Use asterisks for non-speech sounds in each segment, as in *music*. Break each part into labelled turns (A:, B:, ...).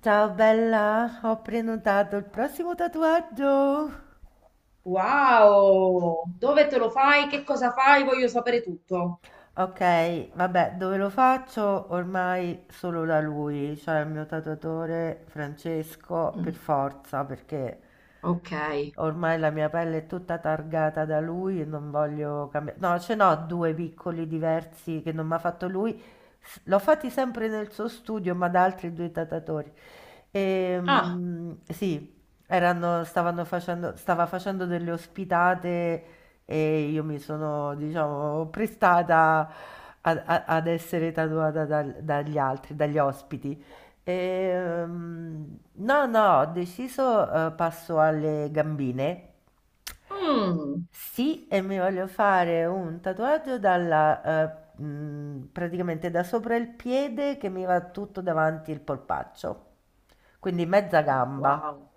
A: Ciao bella, ho prenotato il prossimo tatuaggio.
B: Wow! Dove te lo fai? Che cosa fai? Voglio sapere tutto.
A: Ok, vabbè, dove lo faccio? Ormai solo da lui, cioè il mio tatuatore Francesco, per
B: Mm,
A: forza, perché
B: ok.
A: ormai la mia pelle è tutta targata da lui e non voglio cambiare. No, ce n'ho due piccoli diversi che non mi ha fatto lui. L'ho fatti sempre nel suo studio, ma da altri due tatatori.
B: Ah,
A: Sì, stava facendo delle ospitate e io mi sono, diciamo, prestata ad essere tatuata dagli altri, dagli ospiti. No, no, ho deciso, passo alle gambine.
B: mm,
A: Sì, e mi voglio fare un tatuaggio praticamente da sopra il piede che mi va tutto davanti il polpaccio, quindi mezza gamba.
B: wow.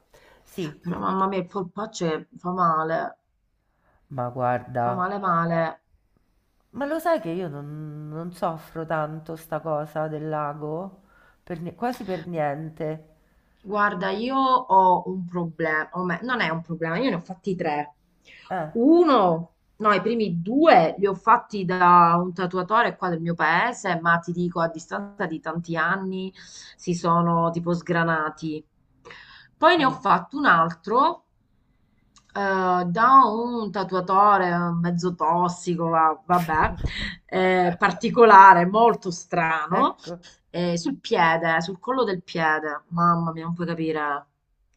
A: Sì,
B: Però mamma mia, il polpaccio che
A: ma guarda,
B: fa male male.
A: ma lo sai che io non soffro tanto sta cosa del lago? Quasi per niente.
B: Guarda, io ho un problema, non è un problema, io ne ho fatti tre.
A: Eh,
B: Uno, no, i primi due li ho fatti da un tatuatore qua del mio paese, ma ti dico, a distanza di tanti anni si sono tipo sgranati. Poi ne ho
A: mm.
B: fatto un altro da un tatuatore mezzo tossico, vabbè,
A: *laughs*
B: particolare, molto strano.
A: Ecco.
B: Sul piede, sul collo del piede. Mamma mia, non puoi capire.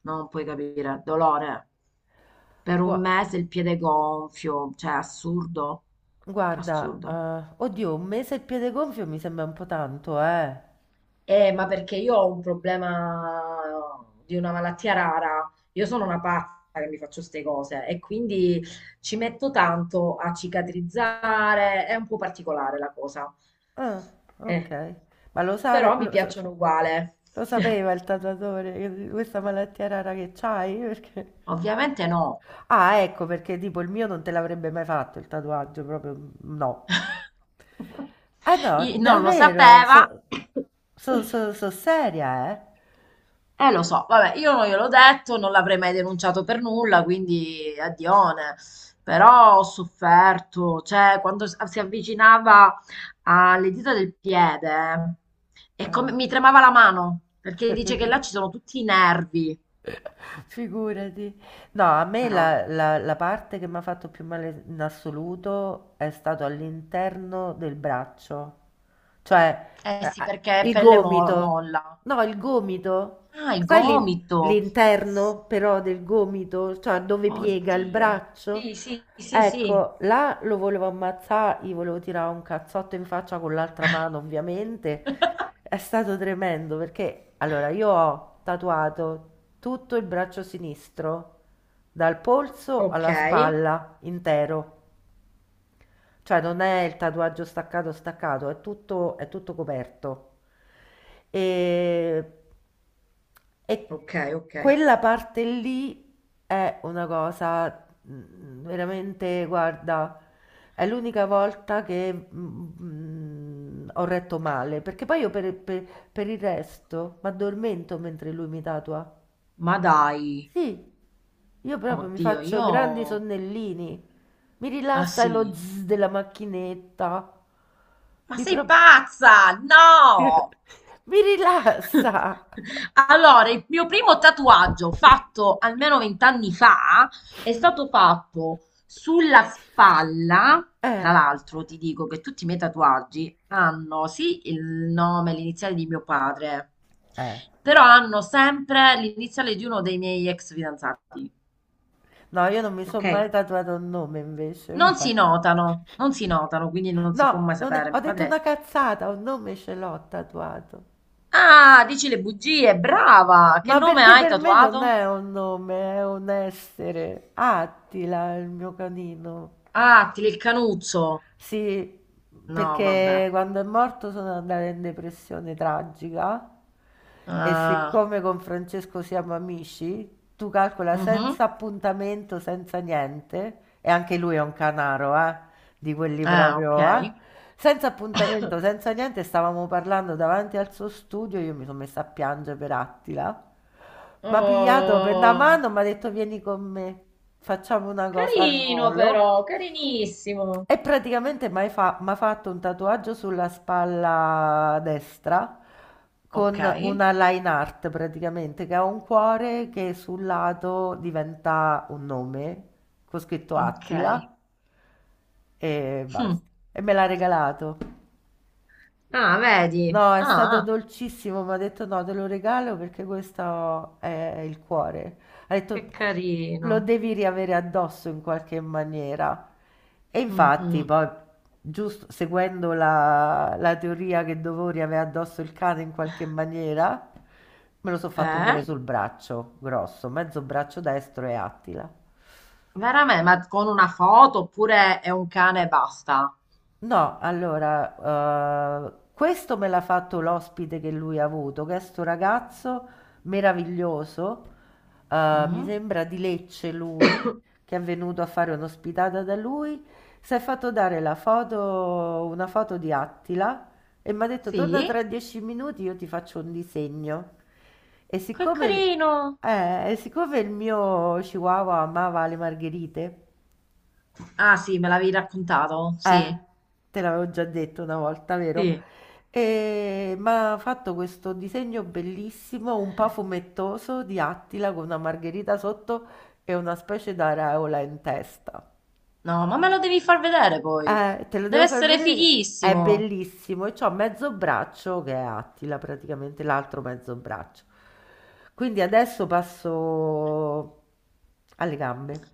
B: No, non puoi capire. Dolore. Per un
A: Gua-
B: mese il piede gonfio. Cioè, assurdo.
A: Guarda,
B: Assurdo.
A: oddio, un mese il piede gonfio mi sembra un po' tanto, eh.
B: Ma perché io ho un problema di una malattia rara. Io sono una pazza che mi faccio queste cose e quindi ci metto tanto a cicatrizzare. È un po' particolare la cosa.
A: Ah, ok.
B: Eh,
A: Ma lo, sa-
B: Però mi
A: lo sa-
B: piacciono uguale.
A: *laughs* Lo
B: *laughs*
A: sapeva il tatuatore questa malattia rara che c'hai? *laughs* Perché...
B: Ovviamente no.
A: Ah, ecco, perché tipo il mio non te l'avrebbe mai fatto il tatuaggio, proprio no. Eh no,
B: Non lo
A: davvero,
B: sapeva.
A: so seria, eh.
B: Lo so, vabbè, io non gliel'ho detto, non l'avrei mai denunciato per nulla, quindi addione. Però ho sofferto, cioè quando si avvicinava alle dita del piede, e
A: Eh.
B: come mi tremava la mano, perché dice che
A: *laughs*
B: là ci sono tutti i nervi,
A: *laughs* Figurati. No, a me
B: però.
A: la parte che mi ha fatto più male in assoluto è stato all'interno del braccio, cioè
B: Eh sì,
A: ah,
B: perché è
A: il
B: pelle
A: gomito.
B: molla.
A: No, il gomito.
B: Ah, il
A: Sai
B: gomito.
A: l'interno però del gomito, cioè dove piega il
B: Oddio.
A: braccio?
B: Sì, sì, sì, sì.
A: Ecco, là lo volevo ammazzare, gli volevo tirare un cazzotto in faccia con l'altra mano, ovviamente, è stato tremendo perché allora io ho tatuato tutto il braccio sinistro, dal polso
B: Ok,
A: alla spalla, intero. Cioè non è il tatuaggio staccato staccato, è tutto coperto. E, e
B: ok, ok.
A: quella parte lì è una cosa mm, veramente, guarda, è l'unica volta che mm, ho retto male, perché poi io per il resto mi addormento mentre lui mi tatua.
B: Ma dai,
A: Sì, io proprio mi
B: oddio,
A: faccio
B: io...
A: grandi sonnellini. Mi
B: Ah
A: rilassa lo
B: sì.
A: zzz della macchinetta.
B: Ma
A: Mi,
B: sei
A: pro-
B: pazza? No!
A: Mi rilassa.
B: Allora, il mio primo tatuaggio fatto almeno 20 anni fa è stato fatto sulla spalla. Tra
A: Eh,
B: l'altro, ti dico che tutti i miei tatuaggi hanno sì il nome, l'iniziale di mio padre,
A: eh.
B: però hanno sempre l'iniziale di uno dei miei ex fidanzati.
A: No, io non mi
B: Ok?
A: sono mai tatuato un nome invece,
B: Non
A: mai.
B: si notano, non si notano, quindi non si può
A: No,
B: mai
A: non è-
B: sapere.
A: ho
B: Mio
A: detto una
B: padre.
A: cazzata, un nome ce l'ho tatuato.
B: Ah, dici le bugie, brava! Che
A: Ma
B: nome
A: perché
B: hai
A: per me non
B: tatuato?
A: è un nome, è un essere. Attila, il mio canino.
B: Ah, ti il canuzzo!
A: Sì,
B: No, vabbè.
A: perché quando è morto sono andata in depressione tragica e
B: Ah,
A: siccome con Francesco siamo amici, tu calcola senza
B: mhm.
A: appuntamento, senza niente, e anche lui è un canaro, di quelli
B: Ah,
A: proprio,
B: ok.
A: senza appuntamento,
B: *coughs*
A: senza niente, stavamo parlando davanti al suo studio, io mi sono messa a piangere per Attila, mi ha pigliato per la
B: Oh,
A: mano, mi ha detto vieni con me, facciamo una cosa al
B: carino
A: volo.
B: però, carinissimo.
A: E praticamente mi ha fatto un tatuaggio sulla spalla destra
B: Ok,
A: con una line art praticamente, che ha un cuore che sul lato diventa un nome, con scritto
B: ok.
A: Attila e
B: Hm.
A: basta. E me l'ha regalato.
B: Ah, vedi?
A: No, è stato
B: Ah,
A: dolcissimo, mi ha detto no, te lo regalo perché questo è il cuore. Ha detto
B: che
A: lo
B: carino.
A: devi riavere addosso in qualche maniera. E
B: Mm,
A: infatti,
B: mm.
A: poi, giusto seguendo la teoria che dovevo riavere addosso il cane in qualche maniera, me lo sono fatto pure
B: Eh?
A: sul braccio grosso, mezzo braccio destro e Attila.
B: Veramente? Ma con una foto oppure è un cane e basta?
A: No, allora, questo me l'ha fatto l'ospite che lui ha avuto, che è sto ragazzo meraviglioso, mi
B: Mm?
A: sembra di Lecce lui,
B: *coughs*
A: che è venuto a fare un'ospitata da lui, si è fatto dare la foto, una foto di Attila e mi ha detto torna tra
B: Sì?
A: 10 minuti, io ti faccio un disegno. E
B: Che
A: siccome,
B: carino.
A: e siccome il mio chihuahua amava le margherite,
B: Ah sì, me l'avevi raccontato?
A: eh,
B: Sì.
A: te l'avevo già detto una volta, vero?
B: Sì.
A: E ma ha fatto questo disegno bellissimo, un po' fumettoso, di Attila con una margherita sotto e una specie d'aureola in testa.
B: No, ma me lo devi far vedere poi.
A: Te lo
B: Deve
A: devo far
B: essere
A: vedere che è
B: fighissimo.
A: bellissimo e c'ho mezzo braccio che è Attila praticamente, l'altro mezzo braccio. Quindi adesso passo alle gambe.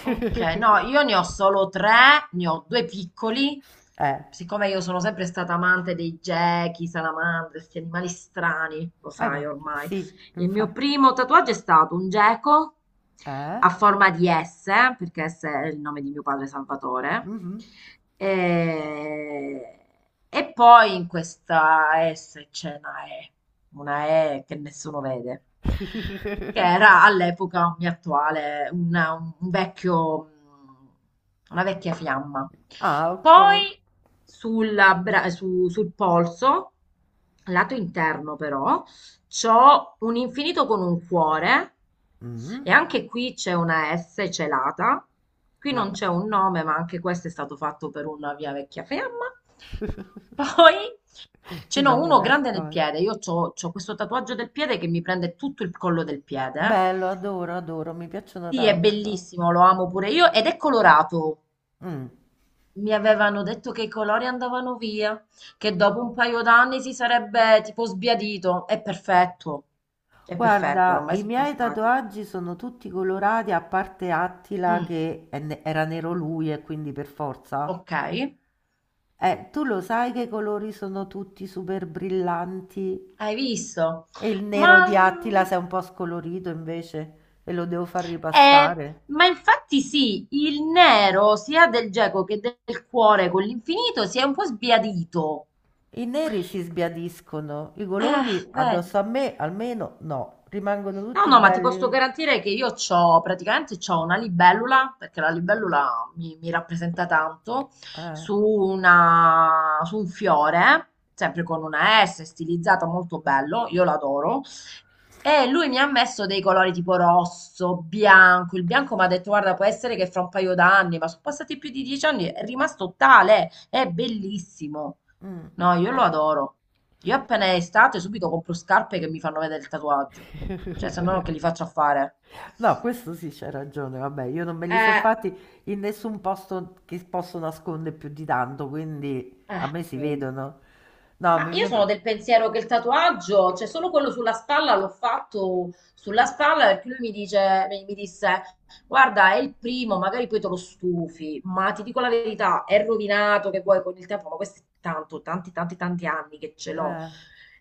B: Ok, no, io ne ho solo tre, ne ho due piccoli.
A: Eh,
B: Siccome io sono sempre stata amante dei gechi, salamandre, questi animali strani, lo sai ormai.
A: sì,
B: Il mio
A: infatti.
B: primo tatuaggio è stato un geco
A: Eh?
B: a forma di S, perché S è il nome di mio padre Salvatore.
A: Mhm.
B: E, e poi in questa S c'è una E che nessuno vede, che era
A: *laughs*
B: all'epoca un mio attuale, un vecchio, una vecchia fiamma.
A: Ah, ok.
B: Poi sul polso, lato interno però, c'ho un infinito con un cuore
A: Mhm.
B: e anche qui c'è una S celata. Qui non
A: Vabbè,
B: c'è un nome, ma anche questo è stato fatto per una mia vecchia fiamma.
A: *laughs*
B: Poi ce
A: io
B: n'ho
A: non mi
B: uno grande nel
A: nascondo.
B: piede. Io c'ho questo tatuaggio del piede che mi prende tutto il collo del piede.
A: Bello, adoro, adoro, mi piacciono
B: Sì, è
A: tanto.
B: bellissimo, lo amo pure io ed è colorato.
A: Mm.
B: Mi avevano detto che i colori andavano via, che dopo un paio d'anni si sarebbe tipo sbiadito. È perfetto,
A: Guarda,
B: ormai
A: i
B: sono
A: miei
B: passati.
A: tatuaggi sono tutti colorati, a parte Attila
B: Mm,
A: che era nero lui e quindi per forza.
B: ok,
A: Tu lo sai che i colori sono tutti super brillanti
B: hai visto?
A: e il
B: Ma,
A: nero di
B: mm,
A: Attila si è un po' scolorito invece e lo devo far
B: eh,
A: ripassare.
B: ma infatti sì, il nero sia del geco che del cuore con l'infinito si è un po' sbiadito.
A: I neri si sbiadiscono, i
B: Eh,
A: colori
B: Vedi.
A: addosso a me almeno no, rimangono
B: No,
A: tutti
B: no, ma ti posso
A: belli.
B: garantire che io c'ho, praticamente c'ho una libellula, perché la libellula mi rappresenta tanto,
A: Ah,
B: su un fiore, sempre con una S, stilizzata, molto bello, io l'adoro, e lui mi ha messo dei colori tipo rosso, bianco, il bianco mi ha detto, guarda, può essere che fra un paio d'anni, ma sono passati più di 10 anni, è rimasto tale, è bellissimo.
A: mm.
B: No, io lo adoro. Io appena è estate subito compro scarpe che mi fanno vedere il tatuaggio. Cioè, se no che li
A: *laughs*
B: faccio a fare?
A: No, questo sì c'è ragione, vabbè, io non me li sono
B: Eh,
A: fatti in nessun posto che posso nascondere più di tanto, quindi a me si
B: quindi.
A: vedono. No,
B: Ma io sono del pensiero che il tatuaggio, cioè solo quello sulla spalla, l'ho fatto sulla spalla perché lui mi dice, mi disse, guarda, è il primo, magari poi te lo stufi, ma ti dico la verità, è rovinato che vuoi con il tempo, ma questo è tanto, tanti, tanti, tanti anni che ce l'ho.
A: eh.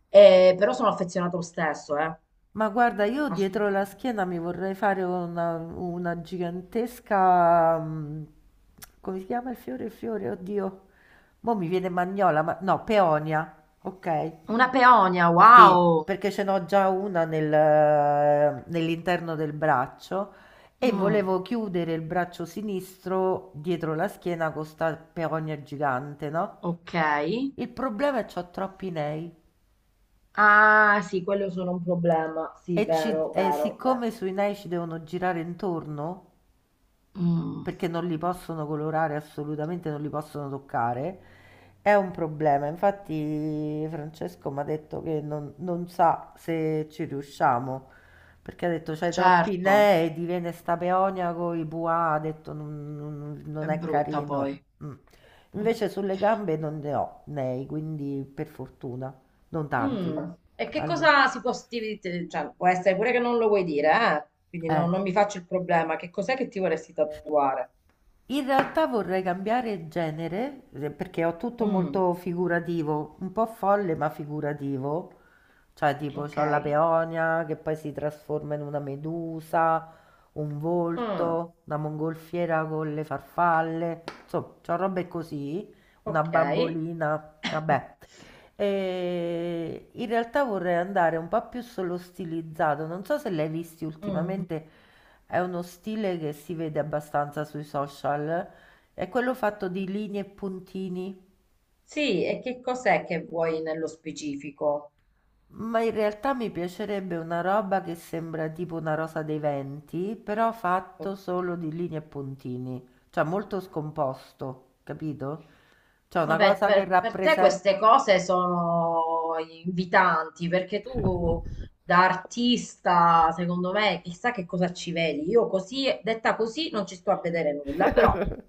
B: Però sono affezionato lo stesso,
A: Ma guarda, io dietro la
B: assolutamente.
A: schiena mi vorrei fare una gigantesca... mm, come si chiama il fiore? Il fiore, oddio. Mo' mi viene magnola, ma no, peonia. Ok.
B: Una peonia, wow!
A: Sì, perché ce n'ho già una nell'interno del braccio e
B: Mm,
A: volevo chiudere il braccio sinistro dietro la schiena con sta peonia gigante, no?
B: ok.
A: Il problema è che ho troppi nei
B: Ah, sì, quello sono un problema. Sì,
A: e,
B: vero,
A: e
B: vero, vero.
A: siccome sui nei ci devono girare intorno,
B: Mm,
A: perché non li possono colorare assolutamente, non li possono toccare, è un problema. Infatti Francesco mi ha detto che non sa se ci riusciamo, perché ha detto c'hai troppi
B: certo,
A: nei, diviene sta peonia con i buà, ha detto
B: è
A: non è
B: brutta
A: carino.
B: poi.
A: Mm.
B: Mm.
A: Invece sulle gambe non ne ho nei, quindi per fortuna, non tanti,
B: E che
A: almeno.
B: cosa si può cioè, può essere pure che non lo vuoi dire, eh? Quindi
A: Eh.
B: non mi faccio il problema. Che cos'è che ti vorresti tatuare?
A: In realtà vorrei cambiare genere, perché ho tutto
B: Mm,
A: molto figurativo, un po' folle ma figurativo. Cioè, tipo,
B: ok.
A: ho la peonia che poi si trasforma in una medusa, un
B: Mm,
A: volto, una mongolfiera con le farfalle, insomma, ho robe così, una
B: ok.
A: bambolina, vabbè.
B: *coughs*
A: E in realtà vorrei andare un po' più sullo stilizzato. Non so se l'hai visti
B: Mm,
A: ultimamente, è uno stile che si vede abbastanza sui social. È quello fatto di linee e puntini.
B: sì, e che cos'è che vuoi nello specifico?
A: Ma in realtà mi piacerebbe una roba che sembra tipo una rosa dei venti, però fatto
B: Ok.
A: solo di linee e puntini. Cioè molto scomposto, capito? Cioè una
B: Vabbè,
A: cosa che
B: per te queste
A: rappresenta.
B: cose sono invitanti perché tu da artista, secondo me, chissà che cosa ci vedi. Io così, detta così, non ci sto a vedere nulla, però.
A: *laughs*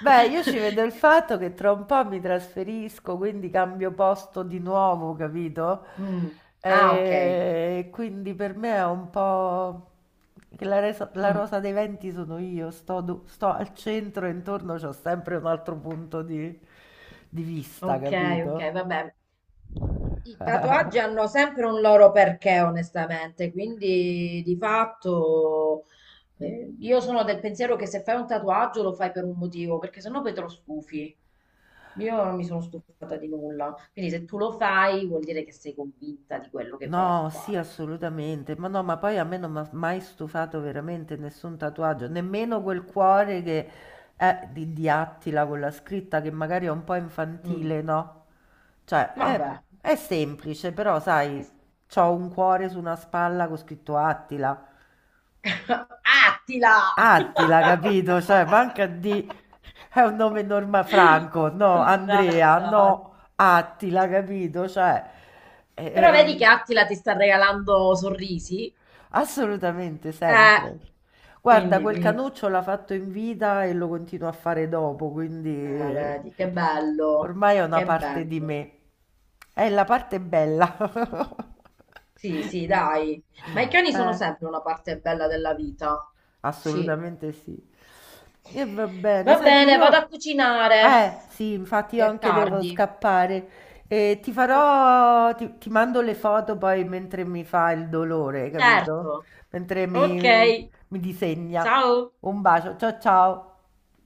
A: Beh, io ci vedo il fatto che tra un po' mi trasferisco, quindi cambio posto di nuovo, capito?
B: Mm. Ah, ok.
A: E quindi per me è un po' che la
B: Mm.
A: rosa dei venti sono io, sto al centro e intorno c'ho sempre un altro punto di vista,
B: Ok,
A: capito?
B: ok, vabbè. I tatuaggi
A: *laughs*
B: hanno sempre un loro perché, onestamente, quindi di fatto io sono del pensiero che se fai un tatuaggio lo fai per un motivo, perché sennò poi te lo stufi. Io non mi sono stufata di nulla, quindi se tu lo fai vuol dire che sei convinta di quello che vai a
A: No, sì,
B: fare.
A: assolutamente. Ma no, ma poi a me non mi ha mai stufato veramente nessun tatuaggio, nemmeno quel cuore che è di Attila con la scritta che magari è un po'
B: Mm.
A: infantile, no? Cioè,
B: Vabbè.
A: è semplice, però
B: Eh
A: sai,
B: sì.
A: c'ho un cuore su una spalla con scritto Attila.
B: *laughs* Attila!
A: Attila,
B: *laughs*
A: capito? Cioè, manca di... È un nome norma Franco, no, Andrea,
B: Mannaggia. Attila.
A: no, Attila, capito? Cioè, eh,
B: Però vedi
A: ehm,
B: che Attila ti sta regalando sorrisi?
A: assolutamente,
B: Eh,
A: sempre. Guarda,
B: quindi,
A: quel
B: quindi.
A: canuccio l'ha fatto in vita e lo continuo a fare dopo, quindi
B: Vedi, che bello,
A: ormai è una
B: che
A: parte di
B: bello.
A: me. È la parte bella. *laughs*
B: Sì, sì, dai. Ma i cani sono
A: Eh.
B: sempre una parte bella della vita. Sì.
A: Assolutamente sì. E va bene,
B: Va
A: senti,
B: bene, vado a
A: io...
B: cucinare,
A: Sì, infatti
B: che
A: io
B: è
A: anche devo
B: tardi.
A: scappare. E ti
B: Ok.
A: farò... ti mando le foto poi mentre mi fa il dolore, capito?
B: Certo.
A: Mentre mi,
B: Ok,
A: mi mi disegna.
B: ciao.
A: Un bacio, ciao ciao.